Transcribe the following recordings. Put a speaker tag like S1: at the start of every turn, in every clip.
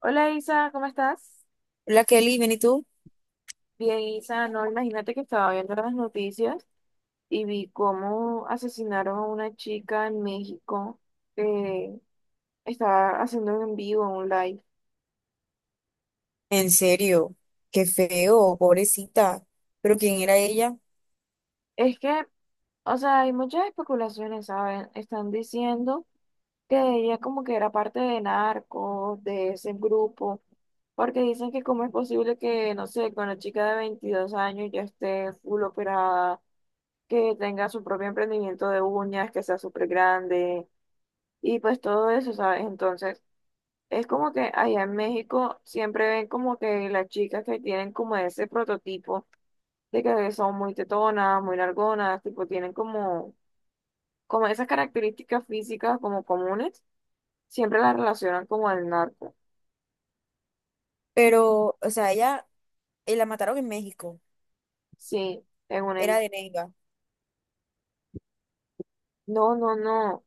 S1: Hola Isa, ¿cómo estás?
S2: Hola Kelly, ¿bien y tú?
S1: Bien, Isa, no, imagínate que estaba viendo las noticias y vi cómo asesinaron a una chica en México que estaba haciendo un en vivo, un live.
S2: En serio, qué feo, pobrecita. Pero ¿quién era ella?
S1: Es que, o sea, hay muchas especulaciones, ¿saben? Están diciendo que ella como que era parte de narcos, de ese grupo, porque dicen que cómo es posible que, no sé, con una chica de 22 años ya esté full operada, que tenga su propio emprendimiento de uñas, que sea súper grande y pues todo eso, ¿sabes? Entonces, es como que allá en México siempre ven como que las chicas que tienen como ese prototipo de que son muy tetonas, muy largonas, tipo tienen como, como esas características físicas como comunes, siempre las relacionan como al narco.
S2: Pero, o sea, ella la mataron en México,
S1: Sí, en
S2: era
S1: un...
S2: de Neiva.
S1: No, no, no.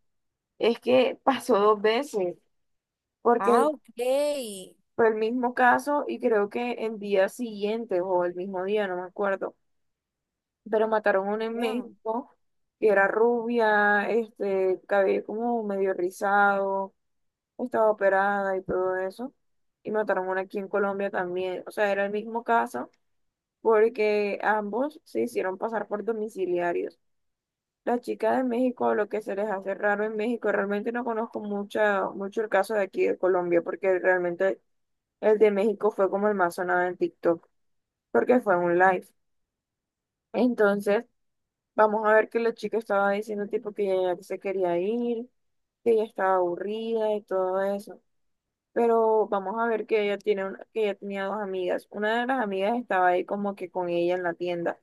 S1: Es que pasó dos veces, porque
S2: Ah, ok.
S1: fue el mismo caso y creo que en días siguientes o el mismo día, no me acuerdo, pero mataron a una en
S2: Ya.
S1: México que era rubia, cabello como medio rizado, estaba operada y todo eso. Y mataron a una aquí en Colombia también. O sea, era el mismo caso porque ambos se hicieron pasar por domiciliarios. La chica de México, lo que se les hace raro en México, realmente no conozco mucha, mucho el caso de aquí de Colombia porque realmente el de México fue como el más sonado en TikTok, porque fue un live. Entonces, vamos a ver que la chica estaba diciendo tipo que ella ya se quería ir, que ella estaba aburrida y todo eso. Pero vamos a ver que que ella tenía dos amigas. Una de las amigas estaba ahí como que con ella en la tienda.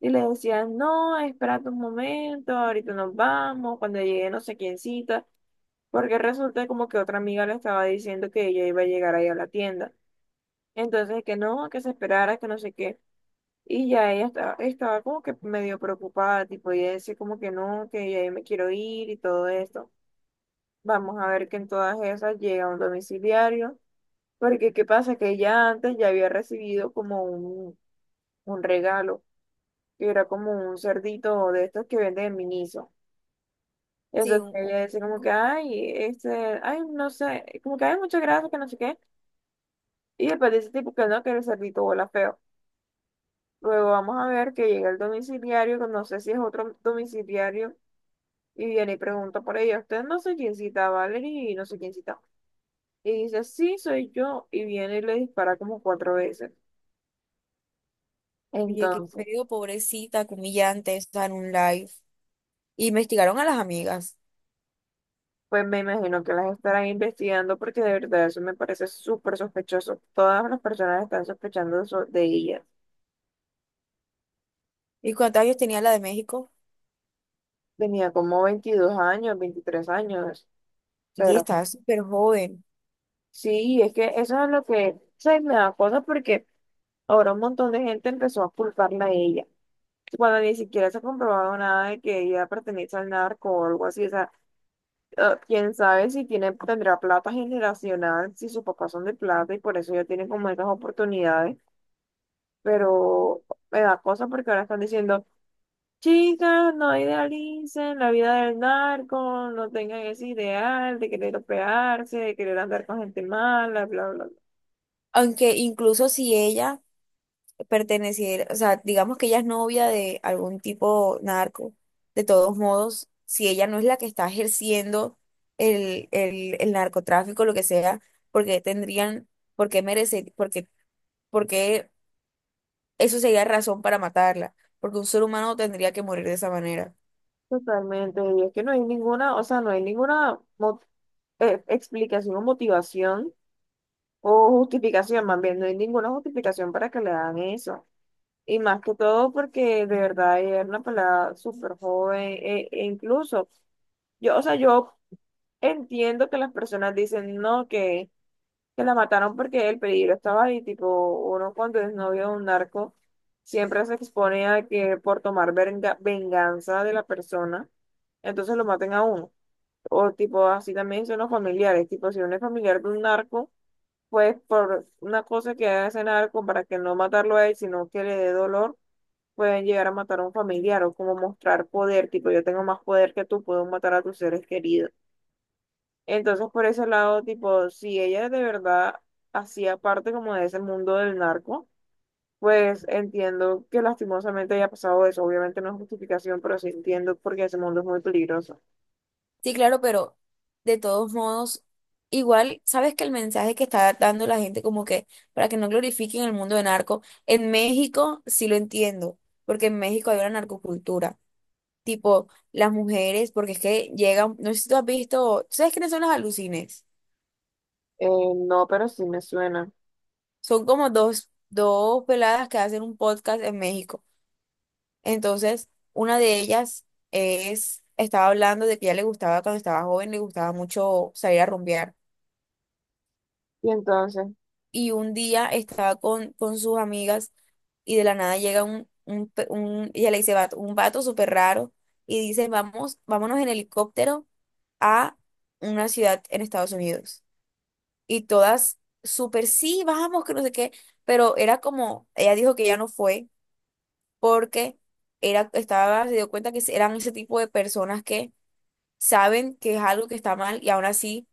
S1: Y le decían, no, espérate un momento, ahorita nos vamos, cuando llegue no sé quién cita. Porque resulta como que otra amiga le estaba diciendo que ella iba a llegar ahí a la tienda. Entonces, que no, que se esperara, que no sé qué. Y ya ella estaba como que medio preocupada, tipo, ella decía como que no, que ya yo me quiero ir y todo esto. Vamos a ver que en todas esas llega un domiciliario, porque qué pasa que ella antes ya había recibido como un regalo, que era como un cerdito de estos que venden en Miniso.
S2: Sí,
S1: Entonces
S2: un,
S1: ella
S2: un-
S1: decía
S2: un-
S1: como que,
S2: co-
S1: ay, ay, no sé, como que hay muchas gracias, que no sé qué. Y después dice tipo que no, que el cerdito huele feo. Luego vamos a ver que llega el domiciliario, que no sé si es otro domiciliario. Y viene y pregunta por ella, usted no sé quién cita a Valerie y no sé quién cita. Y dice, sí, soy yo. Y viene y le dispara como cuatro veces.
S2: Oye, qué
S1: Entonces,
S2: feo, pobrecita, qué humillante, o sea, en un live. Y investigaron a las amigas.
S1: pues me imagino que las estarán investigando porque de verdad eso me parece súper sospechoso. Todas las personas están sospechando de ella.
S2: ¿Y cuántos años tenía la de México?
S1: Tenía como 22 años, 23 años.
S2: Y
S1: Pero
S2: estaba súper joven.
S1: sí, es que eso es lo que se me da cosa porque ahora un montón de gente empezó a culparla a ella. Cuando ni siquiera se ha comprobado nada de que ella pertenece al narco o algo así. O sea, quién sabe si tiene, tendrá plata generacional, si sus papás son de plata y por eso ya tienen como esas oportunidades. Pero me da cosa porque ahora están diciendo, chicas, no idealicen la vida del narco, no tengan ese ideal de querer operarse, de querer andar con gente mala, bla, bla, bla.
S2: Aunque incluso si ella pertenecer, o sea, digamos que ella es novia de algún tipo narco, de todos modos, si ella no es la que está ejerciendo el narcotráfico, lo que sea, porque tendrían, porque merece, porque, porque eso sería razón para matarla, porque un ser humano tendría que morir de esa manera.
S1: Totalmente. Y es que no hay ninguna, o sea, no hay ninguna mo- explicación o motivación. O justificación, más bien, no hay ninguna justificación para que le hagan eso. Y más que todo porque de verdad ella era una pelada súper joven, e incluso, yo entiendo que las personas dicen, no, que la mataron porque el peligro estaba ahí, tipo, uno cuando es novio de un narco, siempre se expone a que por tomar venganza de la persona, entonces lo maten a uno. O tipo, así también son los familiares, tipo, si uno es familiar de un narco pues por una cosa que hacen algo para que no matarlo a él, sino que le dé dolor, pueden llegar a matar a un familiar o como mostrar poder, tipo yo tengo más poder que tú, puedo matar a tus seres queridos. Entonces por ese lado, tipo, si ella de verdad hacía parte como de ese mundo del narco, pues entiendo que lastimosamente haya pasado eso. Obviamente no es justificación, pero sí entiendo porque ese mundo es muy peligroso.
S2: Sí, claro, pero de todos modos, igual, sabes que el mensaje que está dando la gente como que para que no glorifiquen el mundo de narco, en México sí lo entiendo, porque en México hay una narcocultura, tipo las mujeres, porque es que llegan, no sé si tú has visto, ¿sabes quiénes son las alucines?
S1: Eh, no, pero sí me suena.
S2: Son como dos peladas que hacen un podcast en México. Entonces, una de ellas es, estaba hablando de que ya le gustaba cuando estaba joven, le gustaba mucho salir a rumbear.
S1: Y entonces,
S2: Y un día estaba con sus amigas y de la nada llega ella le dice, vato, un vato súper raro y dice, vamos, vámonos en helicóptero a una ciudad en Estados Unidos. Y todas súper, sí, vamos, que no sé qué, pero era como, ella dijo que ya no fue porque era, estaba, se dio cuenta que eran ese tipo de personas que saben que es algo que está mal y aún así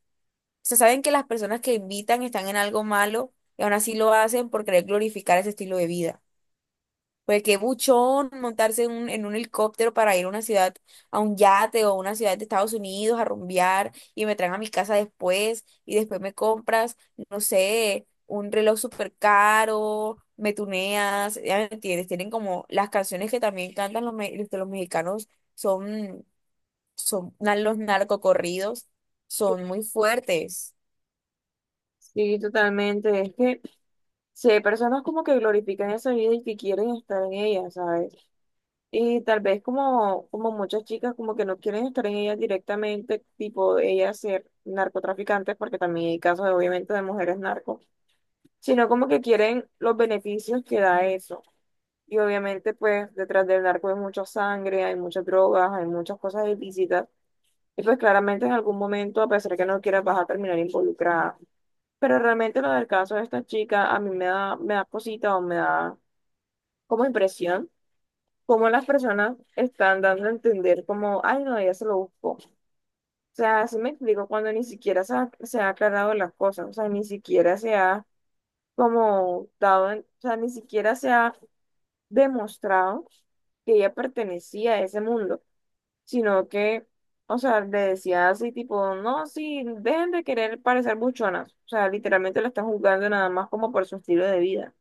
S2: sea, saben que las personas que invitan están en algo malo y aún así lo hacen por querer glorificar ese estilo de vida. Porque qué buchón montarse en un helicóptero para ir a una ciudad, a un yate o a una ciudad de Estados Unidos a rumbear y me traen a mi casa después y después me compras, no sé, un reloj súper caro, me tuneas, ya me entiendes, tienen como las canciones que también cantan los, los mexicanos son, los narcocorridos, son muy fuertes.
S1: sí, totalmente. Es que sí, hay personas como que glorifican esa vida y que quieren estar en ella, ¿sabes? Y tal vez como, como muchas chicas como que no quieren estar en ella directamente, tipo ellas ser narcotraficantes, porque también hay casos de, obviamente de mujeres narcos, sino como que quieren los beneficios que da eso. Y obviamente pues detrás del narco hay mucha sangre, hay muchas drogas, hay muchas cosas ilícitas. Y pues claramente en algún momento, a pesar que no quieras, vas a terminar involucrada. Pero realmente lo del caso de esta chica a mí me da cosita o me da como impresión, como las personas están dando a entender como, ay, no, ella se lo buscó. O sea, así me explico cuando ni siquiera se ha aclarado las cosas, o sea, ni siquiera se ha como o sea, ni siquiera se ha demostrado que ella pertenecía a ese mundo, sino que, o sea, le decía así tipo, no, sí, dejen de querer parecer buchonas, o sea, literalmente la están juzgando nada más como por su estilo de vida,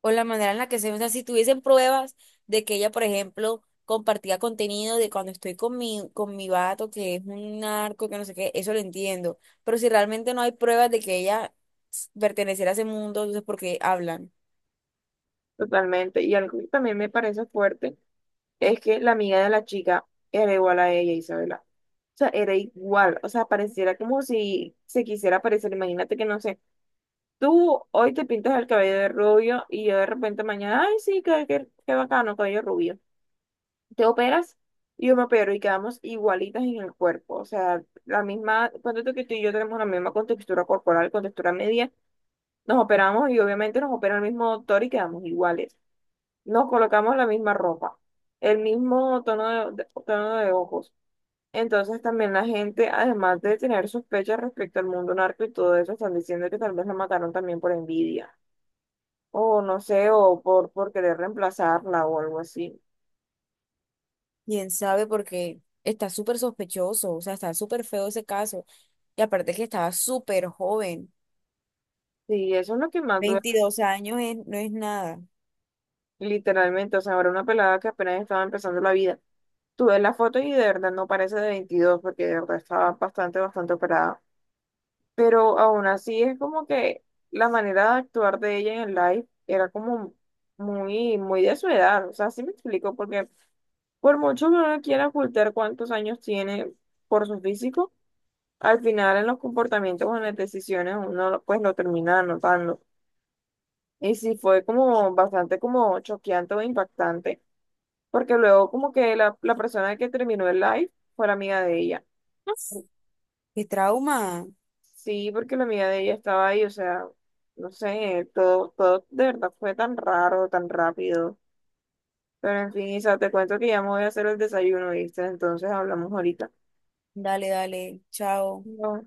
S2: O la manera en la que se, o sea, si tuviesen pruebas de que ella, por ejemplo, compartía contenido de cuando estoy con mi vato, que es un narco, que no sé qué, eso lo entiendo. Pero si realmente no hay pruebas de que ella perteneciera a ese mundo, entonces ¿por qué hablan?
S1: totalmente. Y algo que también me parece fuerte. Es que la amiga de la chica era igual a ella, Isabela. O sea, era igual. O sea, pareciera como si se quisiera parecer. Imagínate que, no sé, tú hoy te pintas el cabello de rubio y yo de repente mañana, ay, sí, qué bacano, cabello rubio. Te operas y yo me opero y quedamos igualitas en el cuerpo. O sea, la misma, cuando tú y yo tenemos la misma contextura corporal, contextura media, nos operamos y obviamente nos opera el mismo doctor y quedamos iguales. Nos colocamos la misma ropa, el mismo tono tono de ojos. Entonces también la gente, además de tener sospechas respecto al mundo narco y todo eso, están diciendo que tal vez la mataron también por envidia, o no sé, o por querer reemplazarla o algo así.
S2: ¿Quién sabe? Porque está súper sospechoso, o sea, está súper feo ese caso. Y aparte que estaba súper joven,
S1: Sí, eso es lo que más duele,
S2: 22 años es- no es nada.
S1: literalmente. O sea, ahora una pelada que apenas estaba empezando la vida. Tú ves la foto y de verdad no parece de 22, porque de verdad estaba bastante, bastante operada. Pero aún así es como que la manera de actuar de ella en el live era como muy de su edad. O sea, sí me explico, porque... Por mucho que uno quiera ocultar cuántos años tiene por su físico, al final en los comportamientos o en las decisiones uno pues lo termina notando. Y sí fue como bastante como choqueante o impactante, porque luego como que la persona que terminó el live fue la amiga de ella.
S2: Qué trauma.
S1: Sí, porque la amiga de ella estaba ahí, o sea, no sé, todo de verdad fue tan raro, tan rápido. Pero en fin, Isa, te cuento que ya me voy a hacer el desayuno, ¿viste? Entonces hablamos ahorita.
S2: Dale, dale, chao.
S1: No.